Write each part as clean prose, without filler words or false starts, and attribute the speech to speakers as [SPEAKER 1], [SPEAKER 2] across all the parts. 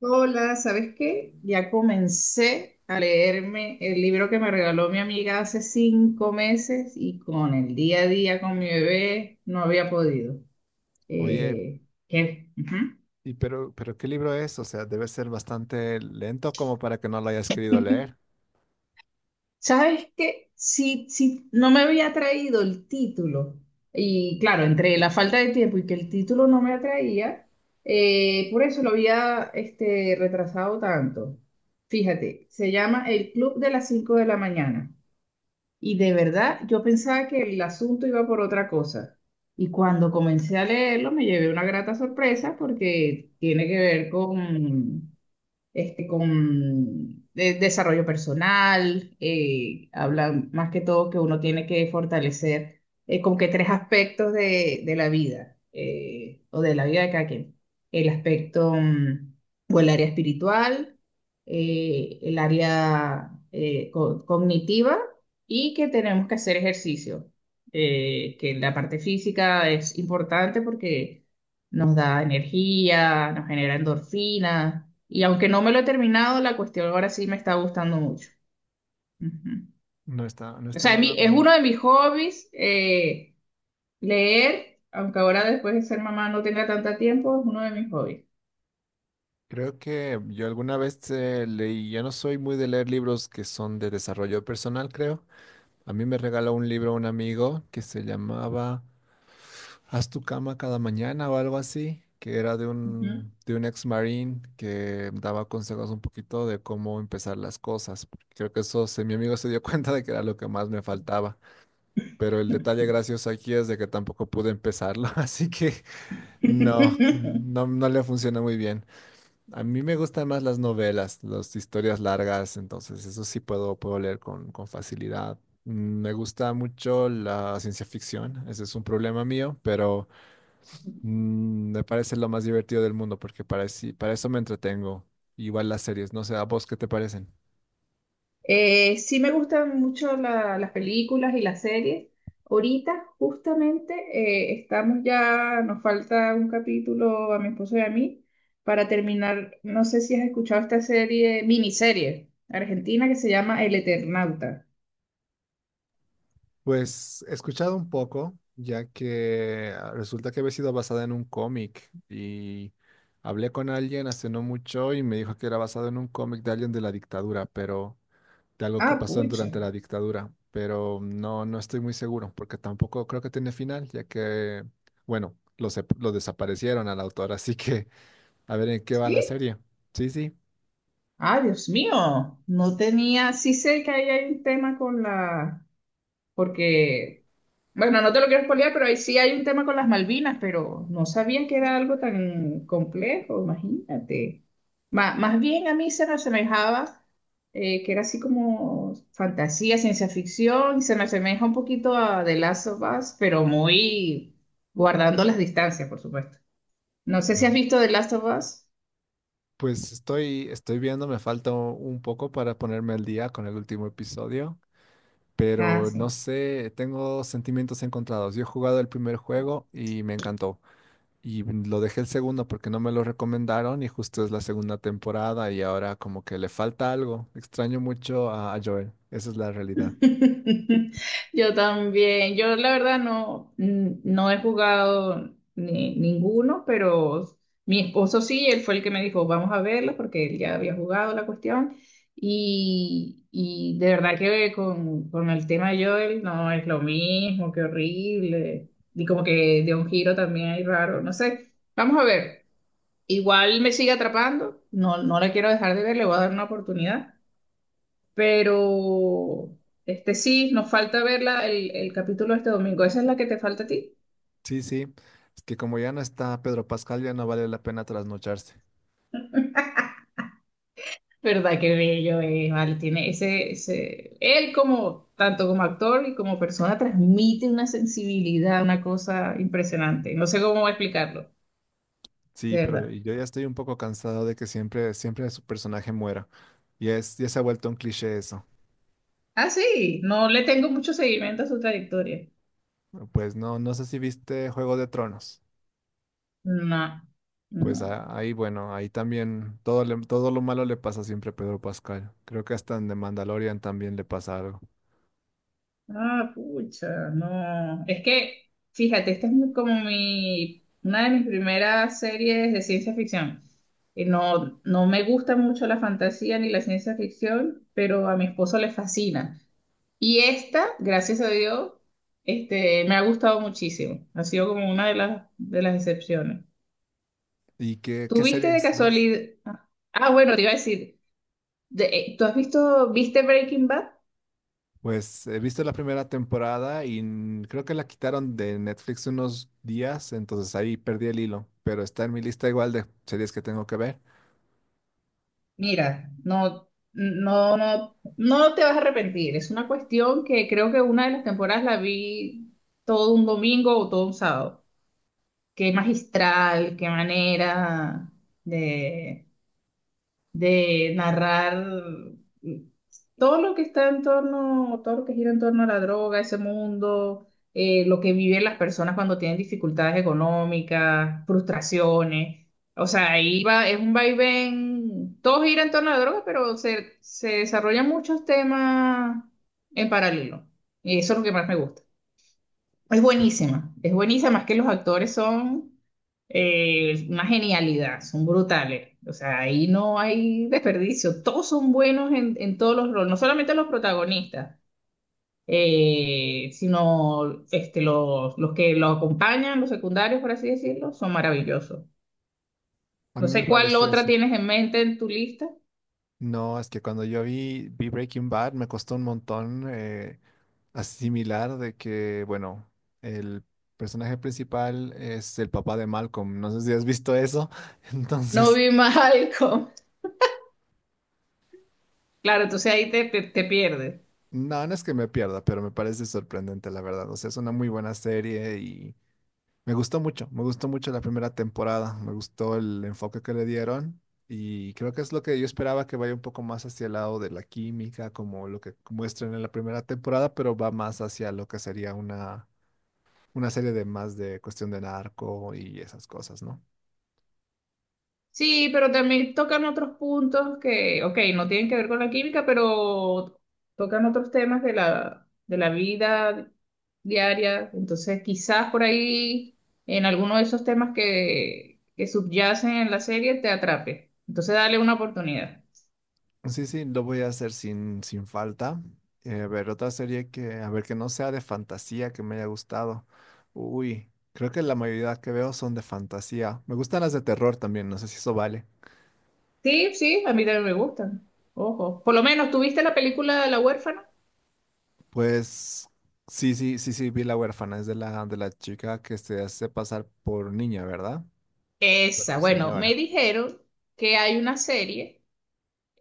[SPEAKER 1] Hola, ¿sabes qué? Ya comencé a leerme el libro que me regaló mi amiga hace 5 meses y con el día a día con mi bebé no había podido.
[SPEAKER 2] Oye,
[SPEAKER 1] Eh, ¿Qué? Ujú.
[SPEAKER 2] pero ¿qué libro es? O sea, debe ser bastante lento como para que no lo hayas querido leer.
[SPEAKER 1] ¿Sabes qué? Si no me había traído el título y claro, entre la falta de tiempo y que el título no me atraía, por eso lo había este, retrasado tanto. Fíjate, se llama El Club de las 5 de la mañana. Y de verdad, yo pensaba que el asunto iba por otra cosa. Y cuando comencé a leerlo, me llevé una grata sorpresa porque tiene que ver con, este, con desarrollo personal, hablan más que todo que uno tiene que fortalecer como que tres aspectos de la vida o de la vida de cada quien. El aspecto o el área espiritual, el área cognitiva y que tenemos que hacer ejercicio. Que la parte física es importante porque nos da energía, nos genera endorfina. Y aunque no me lo he terminado, la cuestión ahora sí me está gustando mucho. Ujú.
[SPEAKER 2] No está, no
[SPEAKER 1] O
[SPEAKER 2] está
[SPEAKER 1] sea,
[SPEAKER 2] nada
[SPEAKER 1] es
[SPEAKER 2] bueno.
[SPEAKER 1] uno de mis hobbies, leer, aunque ahora después de ser mamá no tenga tanto tiempo, es uno de mis hobbies.
[SPEAKER 2] Creo que yo alguna vez leí, yo no soy muy de leer libros que son de desarrollo personal, creo. A mí me regaló un libro un amigo que se llamaba Haz tu cama cada mañana o algo así, que era de
[SPEAKER 1] Ujú.
[SPEAKER 2] un ex marine que daba consejos un poquito de cómo empezar las cosas. Creo que eso, mi amigo se dio cuenta de que era lo que más me faltaba. Pero el detalle gracioso aquí es de que tampoco pude empezarlo, así que no, no, no le funciona muy bien. A mí me gustan más las novelas, las historias largas, entonces eso sí puedo leer con facilidad. Me gusta mucho la ciencia ficción, ese es un problema mío, pero me parece lo más divertido del mundo porque para, para eso me entretengo. Igual las series, no sé, ¿a vos qué te parecen?
[SPEAKER 1] Sí me gustan mucho las películas y las series. Ahorita justamente estamos ya, nos falta un capítulo a mi esposo y a mí para terminar, no sé si has escuchado esta serie, miniserie argentina que se llama El Eternauta.
[SPEAKER 2] Pues he escuchado un poco, ya que resulta que había sido basada en un cómic y hablé con alguien hace no mucho y me dijo que era basado en un cómic de alguien de la dictadura, pero de algo que
[SPEAKER 1] Ah,
[SPEAKER 2] pasó
[SPEAKER 1] pucha.
[SPEAKER 2] durante la dictadura, pero no, no estoy muy seguro porque tampoco creo que tiene final, ya que, bueno, lo desaparecieron al autor, así que a ver en qué va
[SPEAKER 1] ¿Sí?
[SPEAKER 2] la serie. Sí, sí.
[SPEAKER 1] Ah, Dios mío. No tenía, sí sé que ahí hay un tema con la, porque bueno, no te lo quiero spoilear, pero ahí sí hay un tema con las Malvinas, pero no sabía que era algo tan complejo, imagínate. Más bien a mí se me asemejaba que era así como fantasía, ciencia ficción, y se me asemeja un poquito a The Last of Us, pero muy guardando las distancias, por supuesto. No sé si has
[SPEAKER 2] No.
[SPEAKER 1] visto The Last of Us.
[SPEAKER 2] Pues estoy, estoy viendo, me falta un poco para ponerme al día con el último episodio.
[SPEAKER 1] Ah,
[SPEAKER 2] Pero no
[SPEAKER 1] sí.
[SPEAKER 2] sé, tengo sentimientos encontrados. Yo he jugado el primer juego y me encantó. Y lo dejé el segundo porque no me lo recomendaron y justo es la segunda temporada y ahora como que le falta algo. Extraño mucho a Joel, esa es la realidad.
[SPEAKER 1] Yo también. Yo la verdad no he jugado ninguno, pero mi esposo sí, él fue el que me dijo, vamos a verlo, porque él ya había jugado la cuestión. Y de verdad que con el tema de Joel no es lo mismo, qué horrible. Y como que de un giro también hay raro, no sé. Vamos a ver. Igual me sigue atrapando. No, no la quiero dejar de ver, le voy a dar una oportunidad. Pero este sí, nos falta verla el capítulo este domingo. ¿Esa es la que te falta a ti?
[SPEAKER 2] Sí, sí, es que como ya no está Pedro Pascal, ya no vale la pena trasnocharse.
[SPEAKER 1] ¿Verdad? Qué bello es, vale. Tiene ese, ese. Él como, tanto como actor y como persona, transmite una sensibilidad, una cosa impresionante. No sé cómo explicarlo,
[SPEAKER 2] Sí,
[SPEAKER 1] de
[SPEAKER 2] pero
[SPEAKER 1] verdad.
[SPEAKER 2] yo ya estoy un poco cansado de que siempre, siempre su personaje muera. Y es, ya se ha vuelto un cliché eso.
[SPEAKER 1] Ah, sí, no le tengo mucho seguimiento a su trayectoria.
[SPEAKER 2] Pues no, no sé si viste Juego de Tronos.
[SPEAKER 1] No,
[SPEAKER 2] Pues
[SPEAKER 1] no.
[SPEAKER 2] ahí, bueno, ahí también todo, todo lo malo le pasa siempre a Pedro Pascal. Creo que hasta en The Mandalorian también le pasa algo.
[SPEAKER 1] Ah, pucha, no. Es que, fíjate, esta es como mi, una de mis primeras series de ciencia ficción. Y no, no me gusta mucho la fantasía ni la ciencia ficción, pero a mi esposo le fascina. Y esta, gracias a Dios, este, me ha gustado muchísimo. Ha sido como una de las excepciones.
[SPEAKER 2] ¿Y qué, qué
[SPEAKER 1] ¿Tuviste de
[SPEAKER 2] series ves?
[SPEAKER 1] casualidad? Ah, bueno, te iba a decir, ¿tú has visto, viste Breaking Bad?
[SPEAKER 2] Pues he visto la primera temporada y creo que la quitaron de Netflix unos días, entonces ahí perdí el hilo, pero está en mi lista igual de series que tengo que ver.
[SPEAKER 1] Mira, no te vas a arrepentir. Es una cuestión que creo que una de las temporadas la vi todo un domingo o todo un sábado. Qué magistral, qué manera de, de narrar todo lo que está en torno, todo lo que gira en torno a la droga, ese mundo, lo que viven las personas cuando tienen dificultades económicas, frustraciones. O sea, ahí va, es un vaivén, todo gira en torno a la droga, pero se desarrollan muchos temas en paralelo. Y eso es lo que más me gusta. Es buenísima, es buenísima, es que los actores son una genialidad, son brutales. O sea, ahí no hay desperdicio. Todos son buenos en todos los roles, no solamente los protagonistas, sino este, los que los acompañan, los secundarios, por así decirlo, son maravillosos.
[SPEAKER 2] A
[SPEAKER 1] No
[SPEAKER 2] mí me
[SPEAKER 1] sé cuál
[SPEAKER 2] parece
[SPEAKER 1] otra
[SPEAKER 2] eso.
[SPEAKER 1] tienes en mente en tu lista.
[SPEAKER 2] No, es que cuando yo vi Breaking Bad me costó un montón. Asimilar de que, bueno, el personaje principal es el papá de Malcolm. No sé si has visto eso.
[SPEAKER 1] No
[SPEAKER 2] Entonces,
[SPEAKER 1] vi Malcolm. Claro, entonces ahí te pierdes.
[SPEAKER 2] no, no es que me pierda, pero me parece sorprendente, la verdad. O sea, es una muy buena serie y me gustó mucho. Me gustó mucho la primera temporada. Me gustó el enfoque que le dieron. Y creo que es lo que yo esperaba que vaya un poco más hacia el lado de la química, como lo que muestran en la primera temporada, pero va más hacia lo que sería una serie de más de cuestión de narco y esas cosas, ¿no?
[SPEAKER 1] Sí, pero también tocan otros puntos que, ok, no tienen que ver con la química, pero tocan otros temas de la vida diaria. Entonces, quizás por ahí, en alguno de esos temas que subyacen en la serie, te atrape. Entonces, dale una oportunidad.
[SPEAKER 2] Sí, sí, lo voy a hacer sin falta. A ver, otra serie que, a ver, que no sea de fantasía, que me haya gustado. Uy, creo que la mayoría que veo son de fantasía. Me gustan las de terror también, no sé si eso vale.
[SPEAKER 1] Sí, sí, a mí también me gustan. Ojo. Por lo menos, ¿tuviste la película La huérfana?
[SPEAKER 2] Pues sí, sí, sí, sí, vi La huérfana, es de de la chica que se hace pasar por niña, ¿verdad? Bueno,
[SPEAKER 1] Esa, bueno, me
[SPEAKER 2] señora.
[SPEAKER 1] dijeron que hay una serie.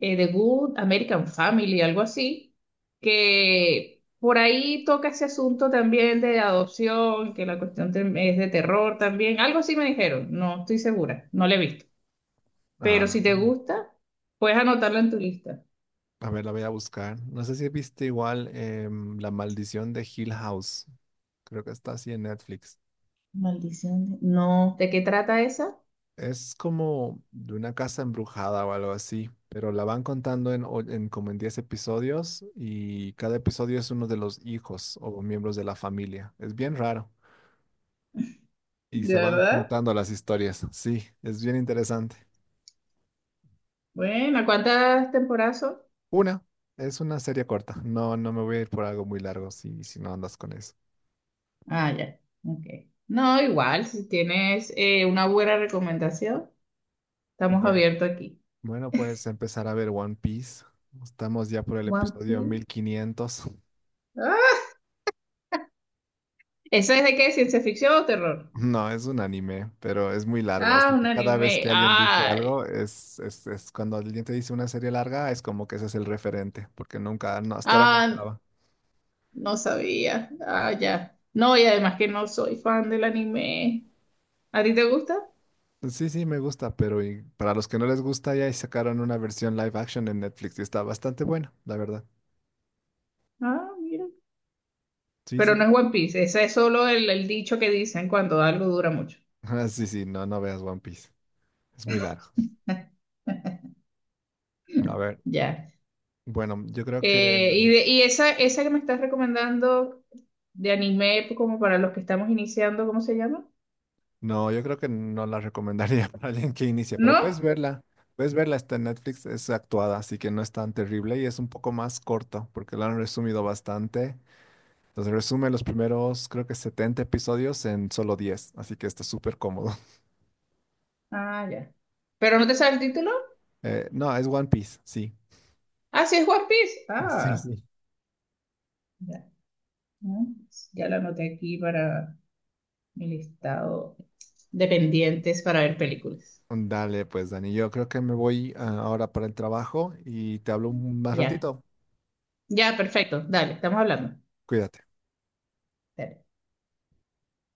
[SPEAKER 1] The Good American Family, algo así, que por ahí toca ese asunto también de adopción, que la cuestión es de terror también, algo así me dijeron, no estoy segura, no lo he visto, pero
[SPEAKER 2] Ah,
[SPEAKER 1] si te gusta, puedes anotarlo en tu lista.
[SPEAKER 2] a ver, la voy a buscar. No sé si viste igual La maldición de Hill House. Creo que está así en Netflix.
[SPEAKER 1] Maldición. No, ¿de qué trata esa?
[SPEAKER 2] Es como de una casa embrujada o algo así, pero la van contando en como en 10 episodios y cada episodio es uno de los hijos o miembros de la familia. Es bien raro y
[SPEAKER 1] ¿De
[SPEAKER 2] se van
[SPEAKER 1] verdad?
[SPEAKER 2] juntando las historias. Sí, es bien interesante.
[SPEAKER 1] Bueno, ¿cuántas temporadas son?
[SPEAKER 2] Una, es una serie corta. No, no me voy a ir por algo muy largo si, si no andas con eso.
[SPEAKER 1] Ah, ya, ok. No, igual, si tienes una buena recomendación, estamos
[SPEAKER 2] Bueno,
[SPEAKER 1] abiertos aquí.
[SPEAKER 2] bueno, puedes empezar a ver One Piece. Estamos ya por el
[SPEAKER 1] One
[SPEAKER 2] episodio
[SPEAKER 1] Piece.
[SPEAKER 2] 1500.
[SPEAKER 1] ¿Eso es de qué? ¿Ciencia ficción o terror?
[SPEAKER 2] No, es un anime, pero es muy largo,
[SPEAKER 1] Ah,
[SPEAKER 2] así
[SPEAKER 1] un
[SPEAKER 2] que cada vez
[SPEAKER 1] anime.
[SPEAKER 2] que alguien dice algo,
[SPEAKER 1] Ay.
[SPEAKER 2] es cuando alguien te dice una serie larga, es como que ese es el referente, porque nunca, no, hasta ahora no
[SPEAKER 1] Ah,
[SPEAKER 2] acaba.
[SPEAKER 1] no sabía. Ah, ya. No, y además que no soy fan del anime. ¿A ti te gusta?
[SPEAKER 2] Sí, sí, me gusta, pero y para los que no les gusta, ya sacaron una versión live action en Netflix y está bastante buena, la verdad.
[SPEAKER 1] Ah, mira.
[SPEAKER 2] Sí,
[SPEAKER 1] Pero no
[SPEAKER 2] sí.
[SPEAKER 1] es One Piece. Ese es solo el dicho que dicen cuando algo dura mucho.
[SPEAKER 2] Ah, sí, sí, no, no veas One Piece, es muy largo. A ver,
[SPEAKER 1] Ya.
[SPEAKER 2] bueno, yo creo que
[SPEAKER 1] Y y esa que me estás recomendando de anime, pues, como para los que estamos iniciando, ¿cómo se llama?
[SPEAKER 2] no, yo creo que no la recomendaría para alguien que inicia, pero
[SPEAKER 1] ¿No?
[SPEAKER 2] puedes verla. Puedes verla, está en Netflix, es actuada, así que no es tan terrible y es un poco más corto porque lo han resumido bastante. Entonces resume los primeros, creo que 70 episodios en solo 10, así que está súper cómodo.
[SPEAKER 1] Ah, ya. ¿Pero no te sabe el título?
[SPEAKER 2] No, es One Piece, sí.
[SPEAKER 1] Ah, sí, es One Piece.
[SPEAKER 2] Sí,
[SPEAKER 1] Ah,
[SPEAKER 2] sí.
[SPEAKER 1] ya. ¿No? Ya la anoté aquí para mi listado de pendientes para ver películas.
[SPEAKER 2] Dale, pues Dani, yo creo que me voy ahora para el trabajo y te hablo más
[SPEAKER 1] Ya,
[SPEAKER 2] ratito.
[SPEAKER 1] ya, perfecto. Dale, estamos hablando.
[SPEAKER 2] Cuídate.